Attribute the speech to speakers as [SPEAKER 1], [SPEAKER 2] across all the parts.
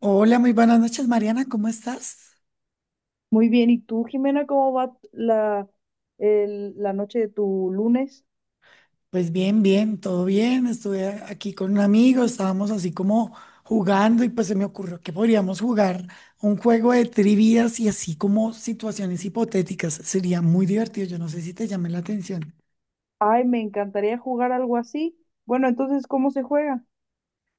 [SPEAKER 1] Hola, muy buenas noches, Mariana, ¿cómo estás?
[SPEAKER 2] Muy bien, ¿y tú, Jimena, cómo va la noche de tu lunes?
[SPEAKER 1] Pues bien, bien, todo bien. Aquí con un amigo, estábamos así como jugando y pues se me ocurrió que podríamos jugar un juego de trivias y así como situaciones hipotéticas. Sería muy divertido, yo no sé si te llame la atención.
[SPEAKER 2] Ay, me encantaría jugar algo así. Bueno, entonces, ¿cómo se juega?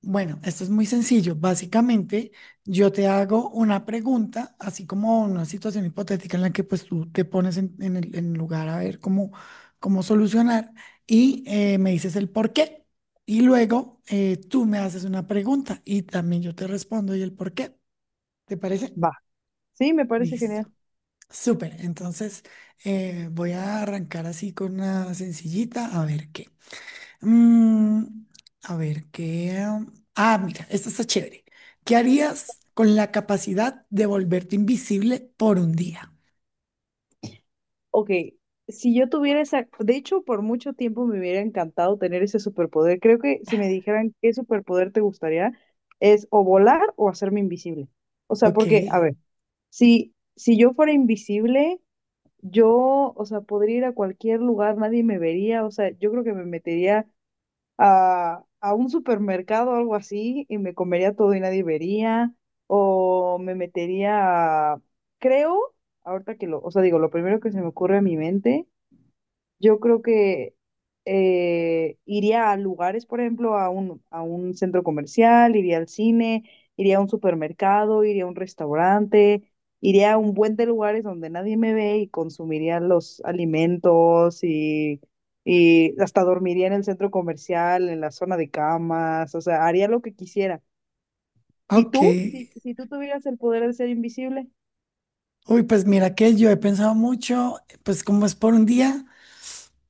[SPEAKER 1] Bueno, esto es muy sencillo. Básicamente, yo te hago una pregunta, así como una situación hipotética en la que pues tú te pones en lugar a ver cómo, cómo solucionar y me dices el por qué. Y luego tú me haces una pregunta y también yo te respondo y el por qué. ¿Te parece?
[SPEAKER 2] Va. Sí, me parece
[SPEAKER 1] Listo.
[SPEAKER 2] genial.
[SPEAKER 1] Súper. Entonces, voy a arrancar así con una sencillita a ver qué. Mm, a ver, ¿qué? Ah, mira, esta está chévere. ¿Qué harías con la capacidad de volverte invisible por un día?
[SPEAKER 2] Ok, si yo tuviera esa, de hecho, por mucho tiempo me hubiera encantado tener ese superpoder. Creo que si me dijeran qué superpoder te gustaría, es o volar o hacerme invisible. O sea,
[SPEAKER 1] Ok,
[SPEAKER 2] porque, a ver, si yo fuera invisible, yo, o sea, podría ir a cualquier lugar, nadie me vería, o sea, yo creo que me metería a un supermercado o algo así y me comería todo y nadie vería, o me metería, creo, ahorita que lo, o sea, digo, lo primero que se me ocurre a mi mente yo creo que iría a lugares, por ejemplo, a un centro comercial, iría al cine, iría a un supermercado, iría a un restaurante, iría a un buen de lugares donde nadie me ve y consumiría los alimentos y hasta dormiría en el centro comercial, en la zona de camas, o sea, haría lo que quisiera. ¿Y
[SPEAKER 1] ok.
[SPEAKER 2] tú? Si tú tuvieras el poder de ser invisible.
[SPEAKER 1] Uy, pues mira que yo he pensado mucho, pues como es por un día,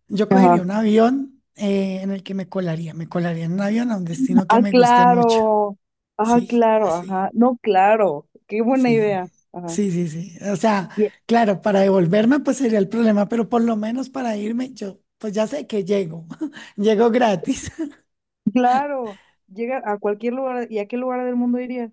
[SPEAKER 1] yo
[SPEAKER 2] Ajá.
[SPEAKER 1] cogería un avión en el que me colaría en un avión a un destino que
[SPEAKER 2] Ah,
[SPEAKER 1] me guste mucho.
[SPEAKER 2] claro. Ah,
[SPEAKER 1] Sí,
[SPEAKER 2] claro, ajá.
[SPEAKER 1] así.
[SPEAKER 2] No, claro. Qué buena
[SPEAKER 1] Sí,
[SPEAKER 2] idea. Ajá.
[SPEAKER 1] sí, sí, sí. O sea,
[SPEAKER 2] Ye-
[SPEAKER 1] claro, para devolverme pues sería el problema, pero por lo menos para irme yo, pues ya sé que llego, llego gratis.
[SPEAKER 2] Claro. Llega a cualquier lugar. ¿Y a qué lugar del mundo irías?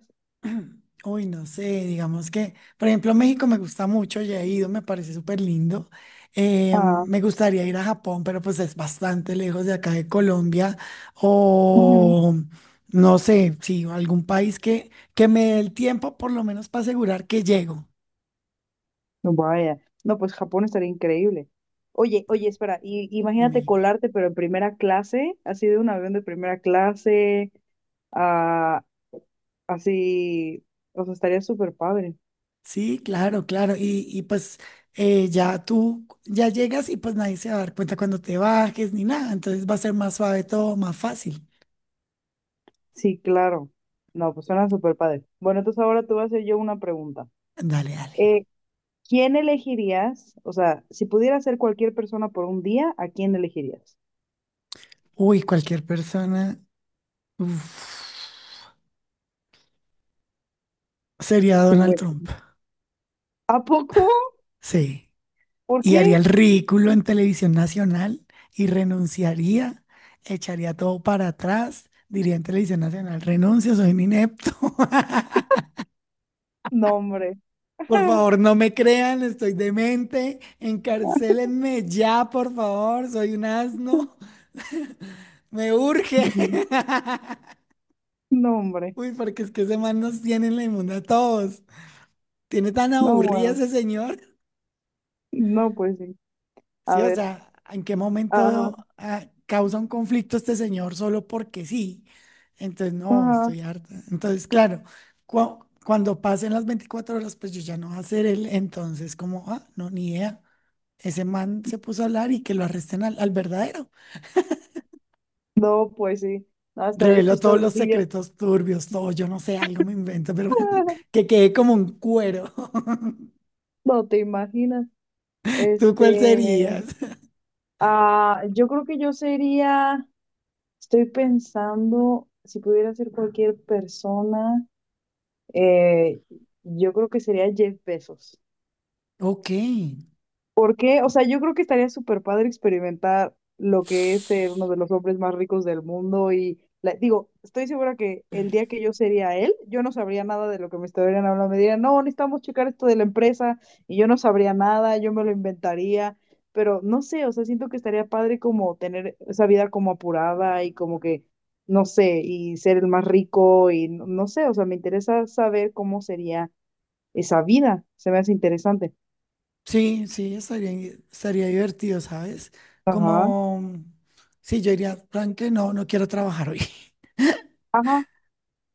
[SPEAKER 1] Uy, no sé, digamos que, por ejemplo, México me gusta mucho, ya he ido, me parece súper lindo.
[SPEAKER 2] Ah,
[SPEAKER 1] Me gustaría ir a Japón, pero pues es bastante lejos de acá de Colombia
[SPEAKER 2] ujú.
[SPEAKER 1] o no sé, sí, algún país que me dé el tiempo por lo menos para asegurar que llego.
[SPEAKER 2] No, vaya. No, pues Japón estaría increíble. Oye, oye, espera, y,
[SPEAKER 1] Dime,
[SPEAKER 2] imagínate
[SPEAKER 1] dime.
[SPEAKER 2] colarte, pero en primera clase, así de un avión de primera clase, ah, así, o sea, estaría súper padre.
[SPEAKER 1] Sí, claro, claro. Y pues ya tú ya llegas y pues nadie se va a dar cuenta cuando te bajes ni nada. Entonces va a ser más suave todo, más fácil.
[SPEAKER 2] Sí, claro. No, pues suena súper padre. Bueno, entonces ahora te voy a hacer yo una pregunta.
[SPEAKER 1] Dale, dale.
[SPEAKER 2] Eh, ¿Quién elegirías? O sea, si pudieras ser cualquier persona por un día, ¿a quién elegirías?
[SPEAKER 1] Uy, cualquier persona. Uf, sería
[SPEAKER 2] Sin
[SPEAKER 1] Donald
[SPEAKER 2] ver-
[SPEAKER 1] Trump.
[SPEAKER 2] ¿A poco?
[SPEAKER 1] Sí.
[SPEAKER 2] ¿Por
[SPEAKER 1] Y haría
[SPEAKER 2] qué?
[SPEAKER 1] el ridículo en televisión nacional y renunciaría, echaría todo para atrás, diría en televisión nacional, renuncio, soy un inepto.
[SPEAKER 2] No, hombre.
[SPEAKER 1] Por favor, no me crean, estoy demente. Encarcélenme ya, por favor. Soy un asno. Me urge.
[SPEAKER 2] Ujú. No, hombre.
[SPEAKER 1] Uy, porque es que ese man nos tiene en la inmunda a todos. Tiene tan
[SPEAKER 2] No,
[SPEAKER 1] aburrida
[SPEAKER 2] bueno.
[SPEAKER 1] ese señor.
[SPEAKER 2] No, pues sí. A
[SPEAKER 1] Sí, o
[SPEAKER 2] ver.
[SPEAKER 1] sea, ¿en qué
[SPEAKER 2] Ajá.
[SPEAKER 1] momento causa un conflicto este señor solo porque sí? Entonces, no,
[SPEAKER 2] Ajá.
[SPEAKER 1] estoy harta. Entonces, claro, cuando pasen las 24 horas, pues yo ya no voy a ser él. Entonces, como, ah, no, ni idea. Ese man se puso a hablar y que lo arresten al verdadero.
[SPEAKER 2] No, pues sí. No, estaría
[SPEAKER 1] Reveló todos
[SPEAKER 2] chistoso
[SPEAKER 1] los
[SPEAKER 2] si yo.
[SPEAKER 1] secretos turbios, todo, yo no sé, algo me invento, pero que quedé como un cuero.
[SPEAKER 2] No te imaginas.
[SPEAKER 1] ¿Tú cuál
[SPEAKER 2] Este.
[SPEAKER 1] serías?
[SPEAKER 2] Ah, yo creo que yo sería. Estoy pensando si pudiera ser cualquier persona. Eh, yo creo que sería Jeff Bezos.
[SPEAKER 1] Ok,
[SPEAKER 2] ¿Por qué? O sea, yo creo que estaría súper padre experimentar lo que es ser uno de los hombres más ricos del mundo y digo, estoy segura que el día que yo sería él, yo no sabría nada de lo que me estarían hablando. Me dirían, no, necesitamos checar esto de la empresa y yo no sabría nada, yo me lo inventaría, pero no sé, o sea, siento que estaría padre como tener esa vida como apurada y como que, no sé, y ser el más rico y no sé, o sea, me interesa saber cómo sería esa vida, se me hace interesante.
[SPEAKER 1] sí, sí, estaría, estaría divertido, ¿sabes?
[SPEAKER 2] Ajá.
[SPEAKER 1] Como, sí, yo diría, plan que no, no quiero trabajar hoy.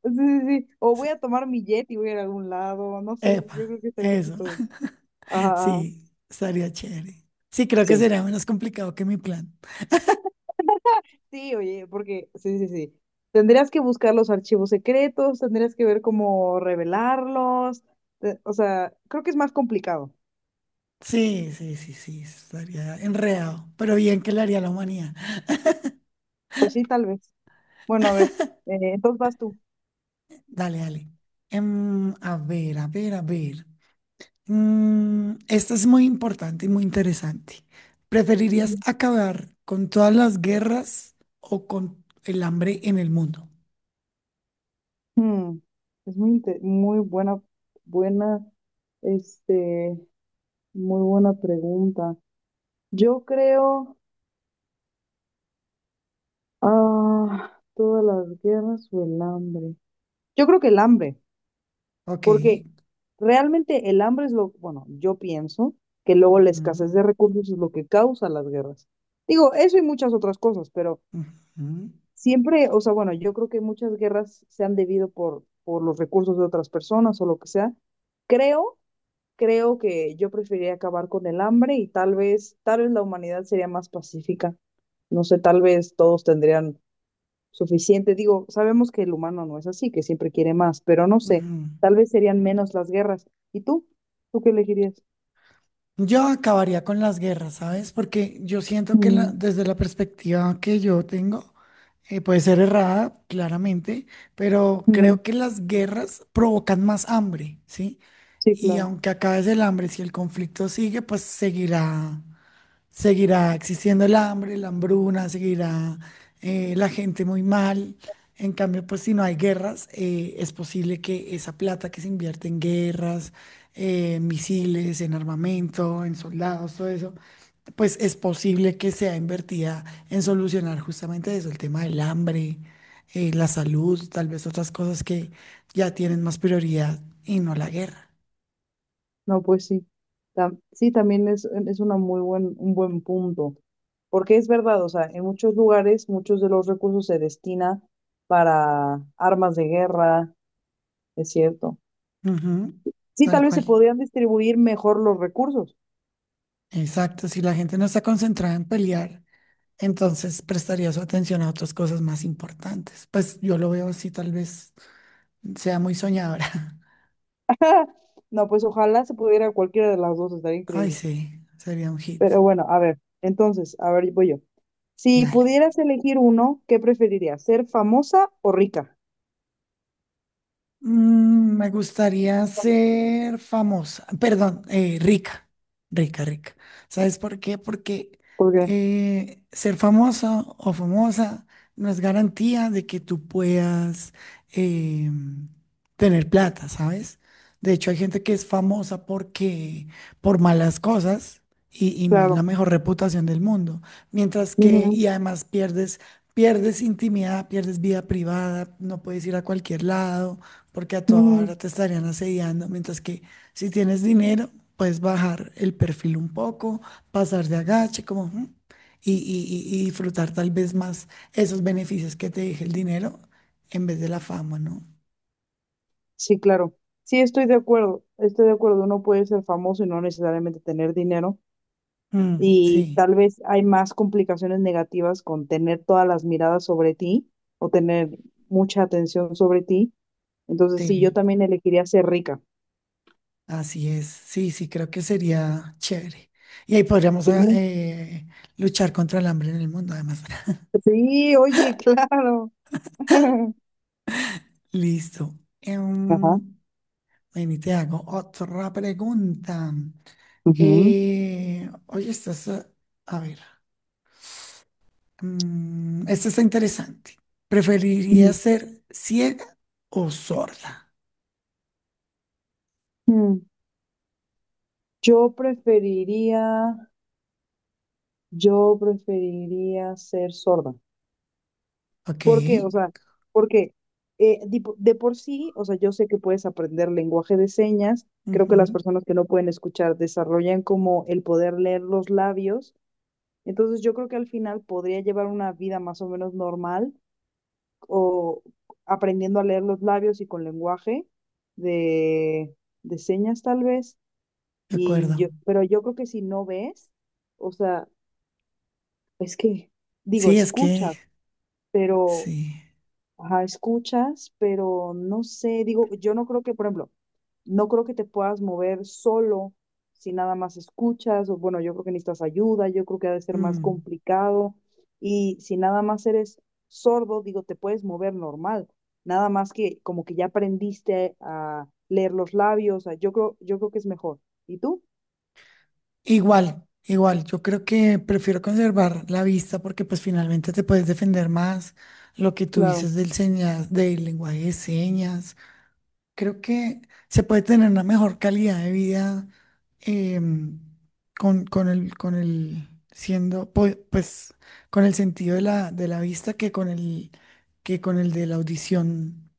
[SPEAKER 2] Sí, sí, sí. O voy a tomar mi jet y voy a ir a algún lado. No sé, yo
[SPEAKER 1] Epa,
[SPEAKER 2] creo que estaría
[SPEAKER 1] eso,
[SPEAKER 2] chistoso. Ajá.
[SPEAKER 1] sí, estaría chévere. Sí, creo que
[SPEAKER 2] Sí.
[SPEAKER 1] sería menos complicado que mi plan.
[SPEAKER 2] Sí, oye, porque, sí, sí, sí. Tendrías que buscar los archivos secretos, tendrías que ver cómo revelarlos. O sea, creo que es más complicado.
[SPEAKER 1] Sí, sí, sí, sí, estaría enredado, pero bien que le haría a la humanidad.
[SPEAKER 2] Pues sí, tal vez. Bueno, a ver, entonces vas tú.
[SPEAKER 1] Dale, dale. A ver, a ver, a ver. Esta es muy importante y muy interesante.
[SPEAKER 2] Ujú.
[SPEAKER 1] ¿Preferirías acabar con todas las guerras o con el hambre en el mundo?
[SPEAKER 2] Mm, es muy, muy buena, este, buena pregunta. Yo creo. Ah, todas las guerras o el hambre. Yo creo que el hambre,
[SPEAKER 1] Ok.
[SPEAKER 2] porque realmente el hambre es lo, bueno, yo pienso que luego la escasez de recursos es lo que causa las guerras. Digo, eso y muchas otras cosas, pero
[SPEAKER 1] Ujú, ujú,
[SPEAKER 2] siempre, o sea, bueno, yo creo que muchas guerras se han debido por los recursos de otras personas o lo que sea. Creo, creo que yo preferiría acabar con el hambre y tal vez la humanidad sería más pacífica. No sé, tal vez todos tendrían suficiente. Digo, sabemos que el humano no es así, que siempre quiere más, pero no sé,
[SPEAKER 1] ujú.
[SPEAKER 2] tal vez serían menos las guerras. ¿Y tú? ¿Tú qué elegirías?
[SPEAKER 1] Yo acabaría con las guerras, ¿sabes? Porque yo siento que
[SPEAKER 2] Mm,
[SPEAKER 1] desde la perspectiva que yo tengo, puede ser errada, claramente, pero
[SPEAKER 2] mm.
[SPEAKER 1] creo que las guerras provocan más hambre, ¿sí?
[SPEAKER 2] Sí,
[SPEAKER 1] Y
[SPEAKER 2] claro.
[SPEAKER 1] aunque acabe el hambre, si el conflicto sigue, pues seguirá, seguirá existiendo el hambre, la hambruna, seguirá la gente muy mal. En cambio, pues si no hay guerras, es posible que esa plata que se invierte en guerras, en misiles, en armamento, en soldados, todo eso, pues es posible que sea invertida en solucionar justamente eso, el tema del hambre, la salud, tal vez otras cosas que ya tienen más prioridad y no la guerra.
[SPEAKER 2] No, pues sí. Sí, también es una muy buen, un buen punto. Porque es verdad, o sea, en muchos lugares muchos de los recursos se destina para armas de guerra, es cierto.
[SPEAKER 1] Ujú,
[SPEAKER 2] Sí,
[SPEAKER 1] tal
[SPEAKER 2] tal vez se
[SPEAKER 1] cual.
[SPEAKER 2] podrían distribuir mejor los recursos.
[SPEAKER 1] Exacto. Si la gente no está concentrada en pelear, entonces prestaría su atención a otras cosas más importantes. Pues yo lo veo así, tal vez sea muy soñadora.
[SPEAKER 2] No, pues ojalá se pudiera cualquiera de las dos, estaría
[SPEAKER 1] Ay,
[SPEAKER 2] increíble.
[SPEAKER 1] sí, sería un hit.
[SPEAKER 2] Pero bueno, a ver, entonces, a ver, voy yo. Si
[SPEAKER 1] Dale.
[SPEAKER 2] pudieras elegir uno, ¿qué preferirías? ¿Ser famosa o rica?
[SPEAKER 1] Me gustaría ser famosa, perdón, rica, rica, rica. ¿Sabes por qué? Porque
[SPEAKER 2] Porque,
[SPEAKER 1] ser famoso o famosa no es garantía de que tú puedas eh, tener plata, ¿sabes? De hecho, hay gente que es famosa porque por malas cosas y no es
[SPEAKER 2] claro.
[SPEAKER 1] la mejor reputación del mundo. Mientras que,
[SPEAKER 2] Ujú,
[SPEAKER 1] y además pierdes, pierdes intimidad, pierdes vida privada, no puedes ir a cualquier lado porque a toda
[SPEAKER 2] ujú.
[SPEAKER 1] hora te estarían asediando, mientras que si tienes dinero, puedes bajar el perfil un poco, pasar de agache, como, ujú, y disfrutar tal vez más esos beneficios que te deje el dinero en vez de la fama, ¿no?
[SPEAKER 2] Sí, claro. Sí, estoy de acuerdo. Estoy de acuerdo. Uno puede ser famoso y no necesariamente tener dinero. Y
[SPEAKER 1] Sí,
[SPEAKER 2] tal vez hay más complicaciones negativas con tener todas las miradas sobre ti o tener mucha atención sobre ti. Entonces, sí, yo
[SPEAKER 1] sí,
[SPEAKER 2] también elegiría ser rica.
[SPEAKER 1] así es, sí, sí, creo que sería chévere. Y ahí podríamos
[SPEAKER 2] Sí,
[SPEAKER 1] luchar contra el hambre en el mundo, además.
[SPEAKER 2] sí, oye, claro.
[SPEAKER 1] Listo.
[SPEAKER 2] Ajá.
[SPEAKER 1] Em, ven y te hago otra pregunta.
[SPEAKER 2] Ujú.
[SPEAKER 1] Oye, a ver. Esta está interesante. ¿Preferiría
[SPEAKER 2] Ujú.
[SPEAKER 1] ser ciega o sorda?
[SPEAKER 2] Mm, Yo preferiría, yo preferiría ser sorda.
[SPEAKER 1] Ok.
[SPEAKER 2] ¿Por qué? O sea, porque por sí, o sea, yo sé que puedes aprender lenguaje de señas. Creo que las
[SPEAKER 1] Ujú,
[SPEAKER 2] personas que no pueden escuchar desarrollan como el poder leer los labios. Entonces yo creo que al final podría llevar una vida más o menos normal o aprendiendo a leer los labios y con lenguaje de, de señas tal vez.
[SPEAKER 1] de
[SPEAKER 2] Y
[SPEAKER 1] acuerdo.
[SPEAKER 2] yo, pero yo creo que si no ves, o sea, es que, digo,
[SPEAKER 1] Sí, es que
[SPEAKER 2] escuchas, pero,
[SPEAKER 1] sí.
[SPEAKER 2] ajá, escuchas, pero no sé, digo, yo no creo que, por ejemplo, no creo que te puedas mover solo si nada más escuchas, o bueno, yo creo que necesitas ayuda, yo creo que ha de ser más
[SPEAKER 1] mm,
[SPEAKER 2] complicado, y si nada más eres sordo, digo, te puedes mover normal, nada más que como que ya aprendiste a leer los labios, o sea, yo creo que es mejor. ¿Y tú?
[SPEAKER 1] Igual, igual. Yo creo que prefiero conservar la vista porque pues finalmente te puedes defender más. Lo que tú
[SPEAKER 2] Claro,
[SPEAKER 1] dices del señas, del lenguaje de señas. Creo que se puede tener una mejor calidad de vida em, con el, pues, con el sentido de la vista que con el de la audición.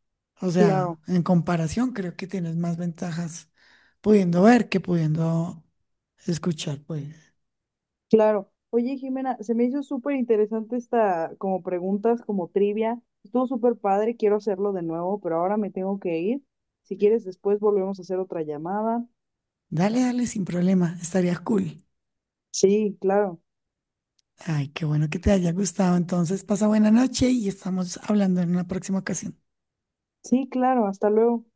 [SPEAKER 1] O sea,
[SPEAKER 2] claro.
[SPEAKER 1] en comparación, creo que tienes más ventajas pudiendo ver que pudiendo escuchar, pues.
[SPEAKER 2] Claro. Oye, Jimena, se me hizo súper interesante esta, como preguntas, como trivia. Estuvo súper padre, quiero hacerlo de nuevo, pero ahora me tengo que ir. Si quieres, después volvemos a hacer otra llamada.
[SPEAKER 1] Dale, dale, sin problema, estaría cool.
[SPEAKER 2] Sí, claro.
[SPEAKER 1] Ay, qué bueno que te haya gustado. Entonces, pasa buena noche y estamos hablando en una próxima ocasión.
[SPEAKER 2] Sí, claro. Hasta luego.